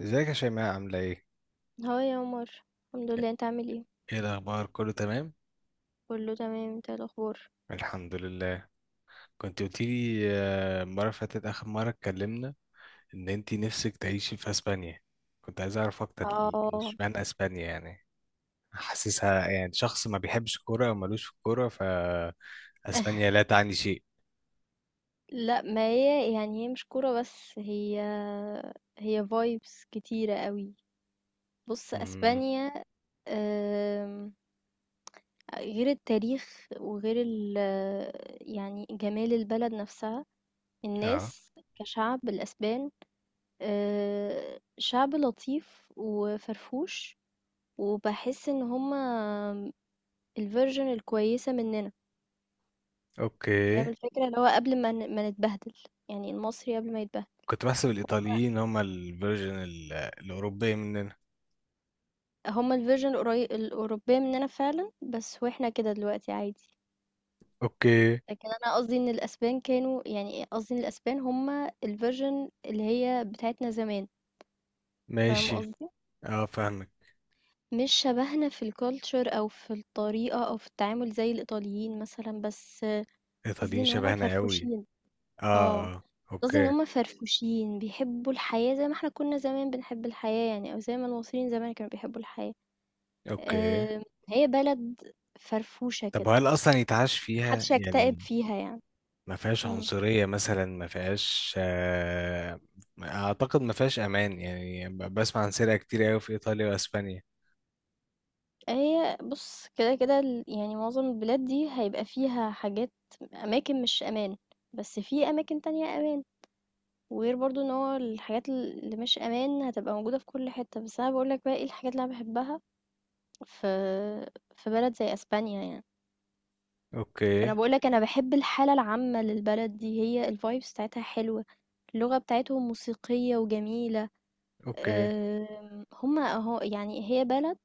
ازيك يا شيماء عاملة ايه؟ هو يا عمر. الحمد لله، انت عامل ايه؟ ايه الاخبار، كله تمام؟ كله تمام. انت ايه الاخبار؟ الحمد لله. كنت قلت لي المره اللي فاتت اخر مره اتكلمنا ان انتي نفسك تعيشي في اسبانيا. كنت عايز اعرف اكتر اه. اشمعنى اسبانيا يعني؟ حاسسها يعني شخص ما بيحبش الكوره او ملوش في الكوره، ف اسبانيا لا تعني شيء. لا ما هي هي مش كوره بس هي فايبس كتيره قوي. بص مم. اسبانيا، آم، غير التاريخ وغير ال جمال البلد نفسها، اه. الناس، كشعب الاسبان. شعب لطيف وفرفوش، وبحس ان هما الفيرجن الكويسه مننا. اوكي. فاهم الفكرة؟ اللي هو قبل ما نتبهدل، يعني المصري قبل ما يتبهدل. كنت بحسب فهُم، الايطاليين هم الفيرجن الاوروبيه مننا. هُم الversion القري الأوروبية مننا فعلًا، بس وإحنا كده دلوقتي عادي. اوكي. لكن أنا قصدي إن الأسبان كانوا، يعني قصدي إن الأسبان هُم الversion اللي هي بتاعتنا زمان. فاهم ماشي. قصدي؟ اه، فاهمك. مش شبهنا في الculture أو في الطريقة أو في التعامل زي الإيطاليين مثلًا، بس قصدي الايطاليين إن هُم شبهنا قوي. فرفوشين. آه، اه اه. قصدي إن اوكي. هُم فرفوشين، بيحبوا الحياة زي ما إحنا كنا زمان بنحب الحياة يعني، أو زي ما المصريين زمان كانوا بيحبوا الحياة. اوكي. آه، هي بلد فرفوشة طب كده، هل اصلا يتعاش فيها محدش هيكتئب يعني؟ فيها يعني. ما فيهاش مم. عنصرية مثلا؟ ما فيهاش اعتقد ما فيهاش امان يعني، ب- بسمع عن سرقة كتير قوي في ايطاليا واسبانيا. هي بص، يعني معظم البلاد دي هيبقى فيها حاجات، أماكن مش أمان، بس في أماكن تانية أمان. وغير برضو ان هو الحاجات اللي مش أمان هتبقى موجودة في كل حتة، بس أنا بقولك بقى ايه الحاجات اللي أنا بحبها في بلد زي أسبانيا يعني. اوكي. فأنا بقولك أنا بحب الحالة العامة للبلد دي، هي الفايبس بتاعتها حلوة، اللغة بتاعتهم موسيقية وجميلة. اوكي. هما اهو، يعني هي بلد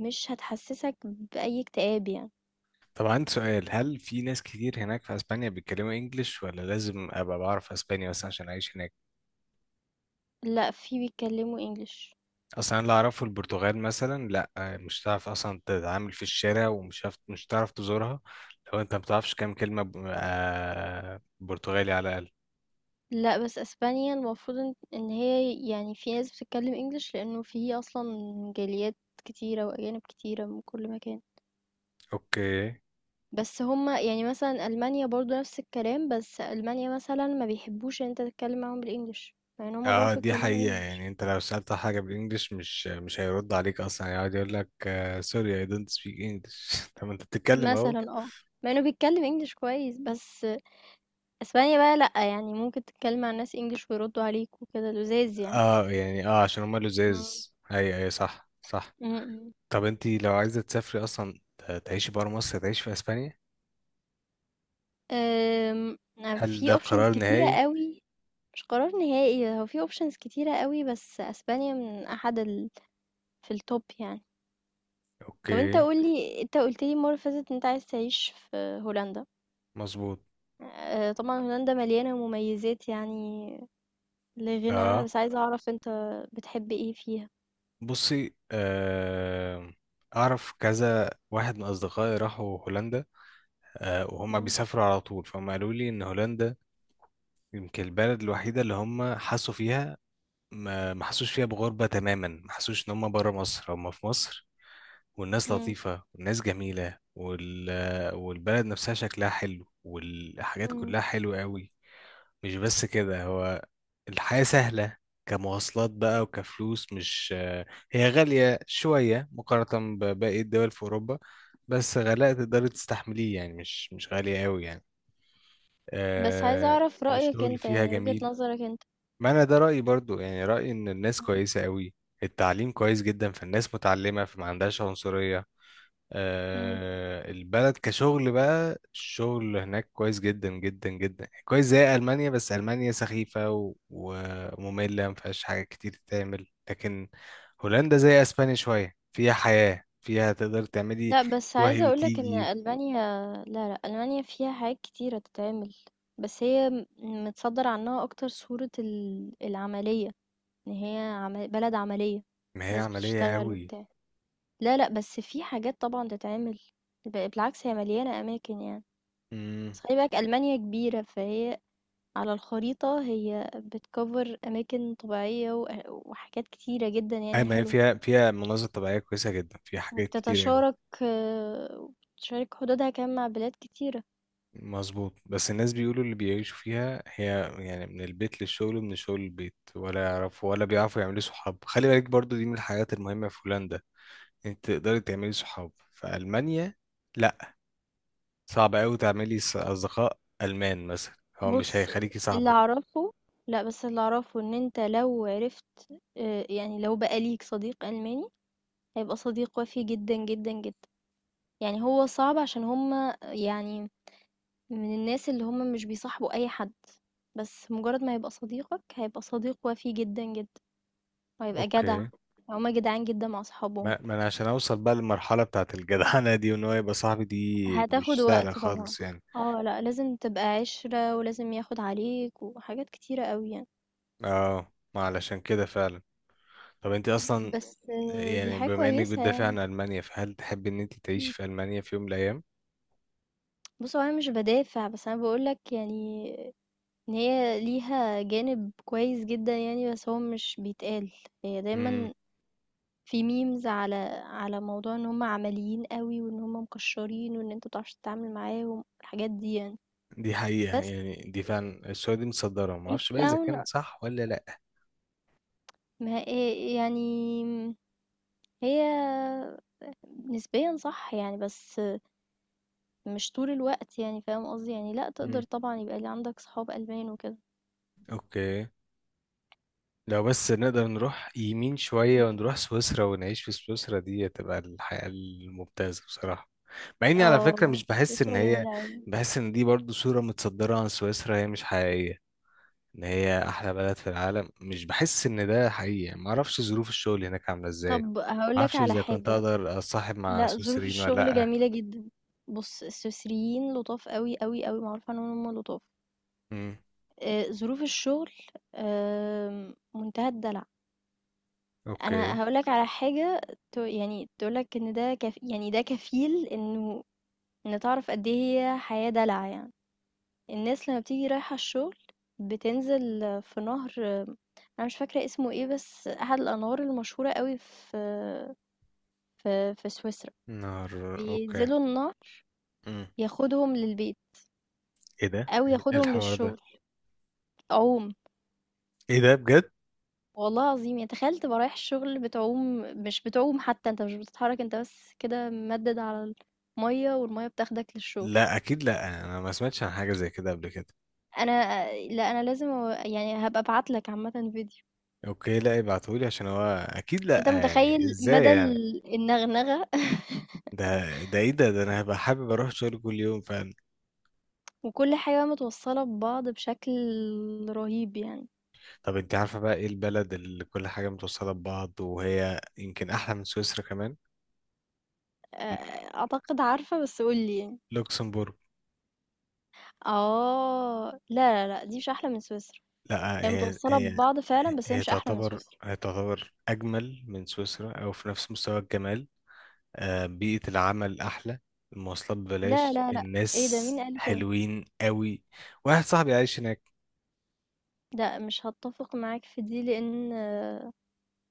مش هتحسسك بأي اكتئاب يعني. طب عندي سؤال، هل في ناس كتير هناك في اسبانيا بيتكلموا انجليش، ولا لازم ابقى بعرف اسبانيا بس عشان اعيش هناك؟ لا، في بيتكلموا انجلش. اصلا اللي اعرفه البرتغال مثلا، لا مش هتعرف اصلا تتعامل في الشارع، ومش هتعرف تزورها لو انت ما بتعرفش كام كلمه برتغالي على الاقل. لا بس اسبانيا المفروض إن هي يعني في ناس بتتكلم انجلش، لانه في اصلا جاليات كتيرة واجانب كتيرة من كل مكان. اوكي. بس هما يعني مثلا المانيا برضو نفس الكلام، بس المانيا مثلا ما بيحبوش ان انت تتكلم معاهم بالانجلش، مع ان هما اه بيعرفوا دي يتكلموا حقيقه، انجلش. يعني انت لو سالت حاجه بالانجلش مش هيرد عليك اصلا، يقعد يقول لك سوري اي دونت سبيك انجلش. طب ما انت بتتكلم اهو. مثلا اه، مع انه بيتكلم انجلش كويس. بس أسبانيا بقى لأ، يعني ممكن تتكلّمي مع الناس English ويردّوا عليكِ وكده، لُذاذ يعني. اه يعني اه عشان هما إمم. لزاز. ايوه ايوه صح صح. إمم. طب انت لو عايزه تسافري اصلا تعيشي بره مصر، تعيشي في اسبانيا؟ آمم، هل في ده options قرار كتيرة نهائي؟ أوي. مش قرار نهائي، هو في options كتيرة أوي، بس أسبانيا من أحد ال، في الtop يعني. طَب أنت اوكي. قُل لي، أنت قُلت لي المرّة اللي فاتت إن أنت عايز تعيش في هولندا. مظبوط. طبعًا هولندا مليانة مميزات يعني لا غِنى عنها، اه. بس عايزة أعرف أنت بتحب إيه فيها؟ بصي اعرف كذا واحد من اصدقائي راحوا هولندا. آه، وهم إمم، بيسافروا على طول، فهم قالوا لي ان هولندا يمكن البلد الوحيده اللي هم حسوا فيها، ما حسوش فيها بغربه تماما، ما حسوش ان هم بره مصر، هم في مصر. والناس إمم، لطيفه والناس جميله وال... والبلد نفسها شكلها حلو، والحاجات إمم، كلها حلوه قوي. مش بس كده، هو الحياة سهلة، كمواصلات بقى وكفلوس. مش، هي غالية شوية مقارنة بباقي الدول في أوروبا، بس غلاء تقدري تستحمليه يعني، مش غالية أوي يعني. بس عايزة آه. أعرف رأيك الشغل أنت، فيها يعني وجهة جميل. نظرك أنت. ما أنا ده رأيي برضو، يعني رأيي إن الناس إمم. كويسة أوي. التعليم كويس جدا، فالناس متعلمة، فما عندهاش عنصرية. إمم. آه، البلد كشغل بقى، الشغل هناك كويس جدا جدا جدا، كويس زي ألمانيا، بس ألمانيا سخيفة ومملة، ما فيهاش حاجة كتير تتعمل. لكن هولندا زي أسبانيا شوية، فيها حياة، فيها تقدر تعملي، لأ، بس تروحي عايزة أقول لك إن وتيجي. ألمانيا، لا، لأ، ألمانيا فيها حاجات كتيرة تتعمل. بس هي م، متصدَّر عنها أكتر صورة ال العملية، إن هي عم بلد عملية، ما هي ناس عملية بتشتغل قوي. وبتاع. لا، لأ، بس في حاجات طبعًا تتعمل، بالعكس هي مليانة أماكن يعني. امم. بس خلّي بالك ألمانيا كبيرة، فهي على الخريطة هي بتcover أماكن طبيعية وحاجات كتيرة جدًا أي يعني ما هي حلوة. فيها، فيها مناظر طبيعية كويسة جدا، فيها حاجات كتير قوي. وبتتشارك آه، وبتشارك حدودها كمان مع بلاد كتيرة. مظبوط. بس الناس بيقولوا اللي بيعيشوا فيها هي يعني من البيت للشغل ومن الشغل للبيت، ولا يعرفوا ولا بيعرفوا يعملوا صحاب. خلي بالك برضو دي من الحاجات المهمة، في هولندا انت تقدري تعملي صحاب، في ألمانيا لا. صعب قوي تعملي أصدقاء ألمان مثلا، هو مش بُص، هيخليكي اللي صاحبك. أعرفه، لأ، بس اللي أعرفه إن أنت لو عرفت، يعني لو بقى ليك صديق ألماني، هيبقى صديق وَفي جدًا، جدًا، جدًا. يعني هو صعب عشان هُم يعني من الناس اللي هُم مش بيصاحبوا أي حد، بس مجرد ما يبقى صديقك، هيبقى صديق وَفي جدًا، جدًا، وهيبقى جدع. اوكي. هُم جدعان جدًا مع أصحابهم. ما انا عشان اوصل بقى للمرحلة بتاعت الجدعنة دي، وان هو يبقى صاحبي، دي هتاخد مش سهلة وقت طبعًا. خالص يعني. آه، لأ، لازم تبقى عِشرة ولازم ياخد عليك وحاجات كتيرة أوي يعني. اه، ما علشان كده فعلا. طب انت اصلا بس آه، دي يعني، حاجة بما انك كويسة بتدافع يعني. عن المانيا، فهل تحب ان انت تعيشي إمم. في المانيا في يوم من الايام؟ بُص، هو أنا مش بادافع، بس أنا باقول لك يعني إن هي ليها جانب كويس جدًا يعني، بس هو مش بيتقال. هي امم. دايمًا في memes على موضوع إن هم عمليين أوي وإن هم مكشّرين وإن أنت ما بتعرفش تتعامل معاهم، الحاجات دي يعني. دي حقيقة بس يعني، دي فعلا السعودية دي مصدرة، ما deep اعرفش بقى اذا down، كان صح ولا لا. ما ي يعني هي نسبيًا صح يعني، بس مش طول الوقت يعني، فاهم قصدي؟ يعني لأ، تقدر امم. طبعًا يبقى عندك صحاب ألمان وكده. اوكي. لو بس نقدر نروح يمين شوية إمم. ونروح سويسرا ونعيش في سويسرا، دي هتبقى الحياة الممتازة بصراحة. مع اني على فكرة آه، مش بحس ان سويسرا هي، جميلة أوي. بحس ان دي برضو صورة متصدرة عن سويسرا، هي مش حقيقية ان هي احلى بلد في العالم. مش بحس ان ده حقيقي، ما اعرفش ظروف الشغل هناك عامله ازاي، طب هقول ما لك اعرفش على اذا كنت حاجة. اقدر اصاحب مع لا ظروف سويسريين ولا الشغل لا. جميلة جدا. بص السويسريين لطاف قوي قوي قوي، معروف عنهم هم لطاف. امم. آه، ظروف الشغل، منتهى الدلع. اوكي. انا هقول لك على حاجة، يعني تقول لك ان ده كف، يعني ده كفيل انه ان تعرف قد ايه هي حياة دلع يعني. الناس لما بتيجي رايحة الشغل بتنزل في نهر. انا مش فاكرة اسمه ايه، بس احد الانهار المشهورة قوي في في سويسرا، نار. اوكي. بينزلوا النهر، امم. ياخدهم للبيت ايه ده، او إيه ياخدهم الحوار ده؟ للشغل، عوم. ايه ده بجد؟ والله العظيم يعني، تخيل تبقى رايح الشغل بتعوم، مش بتعوم حتى، انت مش بتتحرك، انت بس كده ممدد على الميه، والميه بتاخدك للشغل. لا اكيد لا، انا ما سمعتش عن حاجه زي كده قبل كده. انا لا انا لازم، يعني هبقى ابعتلك عامه فيديو. اوكي. لا ابعتهولي، عشان هو اكيد بس انت لا، يعني متخيل ازاي مدى يعني؟ النغنغه. ده، ده ايه ده انا هبقى حابب اروح شغل كل يوم فعلا. وكل حاجه متوصله ببعض بشكل رهيب يعني. طب انت عارفه بقى ايه البلد اللي كل حاجه متوصله ببعض وهي يمكن احلى من سويسرا كمان؟ أ- اعتقد عارفه، بس قولي يعني. لوكسمبورغ. اه لا، دي مش احلى من سويسرا. لا هي هي متوصلة هي ببعض فعلًا، بس هي هي مش أحلى من تعتبر، سويسرا. هي تعتبر أجمل من سويسرا أو في نفس مستوى الجمال. آه، بيئة العمل أحلى، المواصلات لا، ببلاش، لا، لأ، إيه ده، الناس مين قال كده؟ حلوين قوي. واحد صاحبي عايش هناك. لأ، مش هاتفق معاك في دي، لإن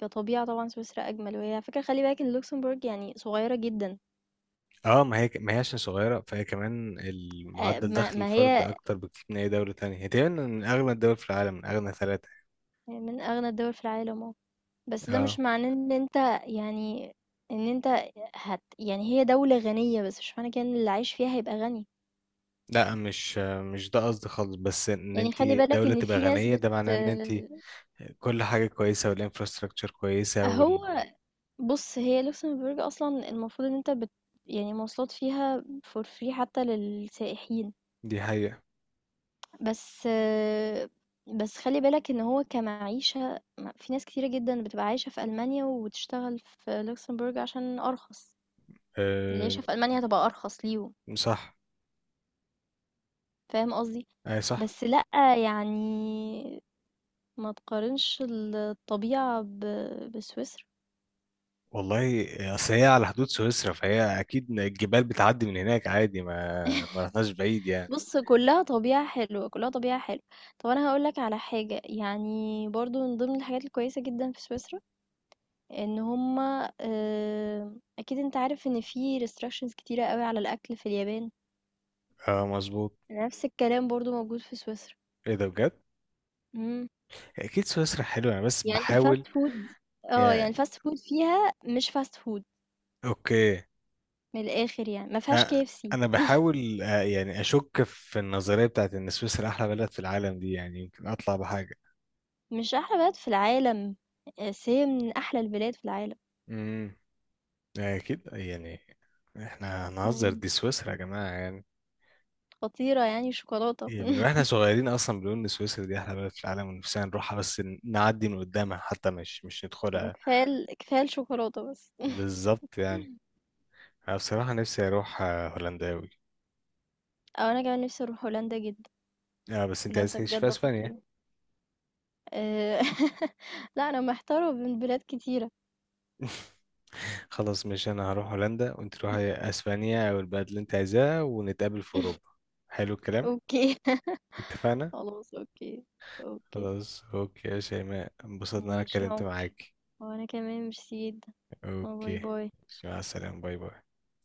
كطبيعة طبعًا سويسرا أجمل، وهي على فكرة خلّي بالِك إن لوكسمبورغ يعني صغيرة جدًا. اه ما هي عشان صغيرة، فهي كمان المعدل ما دخل ما هي الفرد أكتر بكتير من أي دولة تانية، هي تقريبا من أغنى الدول في العالم، من أغنى ثلاثة. من أغنى الدول في العالم آه، بس ده اه مش معناه إن أنت، يعني إن أنت، يعني هي دولة غنية، بس مش معنى كده إن اللي عايش فيها هيبقى غني. لا، مش ده قصدي خالص، بس ان يعني انت خلّي بالك دولة إن تبقى في ناس غنية بت، ده معناه ان انت كل حاجة كويسة، والانفراستراكشر كويسة، أهو، وال... بُص، هي لوكسمبورغ أصلًا المفروض إن أنت بت، يعني المواصلات فيها for free حتى للسائحين. دي حقيقة. بس آه، بس خلِّ بالك إن هو كمعيشة، في ناس كتيرة جدًا بتبقى عايشة في ألمانيا وبتشتغل في لوكسمبورغ عشان أرخص، أه... العيشة في ألمانيا هتبقى أرخص ليهم، صح. فاهم قصدي؟ أي صح. بس لأ، يعني ما تقارنش الطبيعة بسويسرا. والله أصل هي على حدود سويسرا، فهي أكيد الجبال بتعدي من هناك عادي، ما رحناش بعيد يعني. بُص كلّها طبيعة حلوة، كلّها طبيعة حلوة. طب أنا هاقول لك على حاجة، يعني برضه من ضمن الحاجات الكويسة جدًا في سويسرا، إن هُم، أكيد أنت عارف إن في restrictions كتيرة أوي على الأكل في اليابان، اه مظبوط. نفس الكلام برضه موجود في سويسرا. ايه ده بجد؟ إمم. أكيد سويسرا حلوة، أنا بس يعني بحاول الfast food، آه، يعني يعني. الfast food فيها مش fast food، أوكي. من الآخر يعني، ما فيهاش أ- KFC. أنا بحاول يعني أشك في النظرية بتاعت إن سويسرا أحلى بلد في العالم دي، يعني يمكن أطلع بحاجة. مش أحلى بلد في العالم، آه، بس هي من أحلى البلاد في العالم. امم. أكيد يعني. احنا هنهزر، إمم، دي سويسرا يا جماعة يعني. خطيرة يعني شوكولاتة. إيه، من واحنا صغيرين اصلا بنقول ان سويسرا دي احلى بلد في العالم، ونفسنا نروحها، بس نعدي من قدامها حتى، مش ندخلها. كفاية الشوكولاتة بس. بالظبط يعني. انا بصراحه نفسي اروح هولندا اوي. او انا كمان نفسي اروح هولندا جدا. اه بس انت عايز هولندا تعيش في بجد اسبانيا. خطيرة. آه، لا انا محتارة بين بلاد كتيرة. خلاص، مش انا هروح هولندا وانت تروحي اسبانيا او البلد اللي انت عايزاها، ونتقابل في اوروبا. حلو الكلام. اوكي. اتفقنا. خلاص اوكي. اوكي. خلاص اوكي يا شيماء، انبسطت ان انا ماشي يا اتكلمت عمر، معاك. وانا كمان ميرسي جدا. باي اوكي. باي. مع السلامه، باي باي.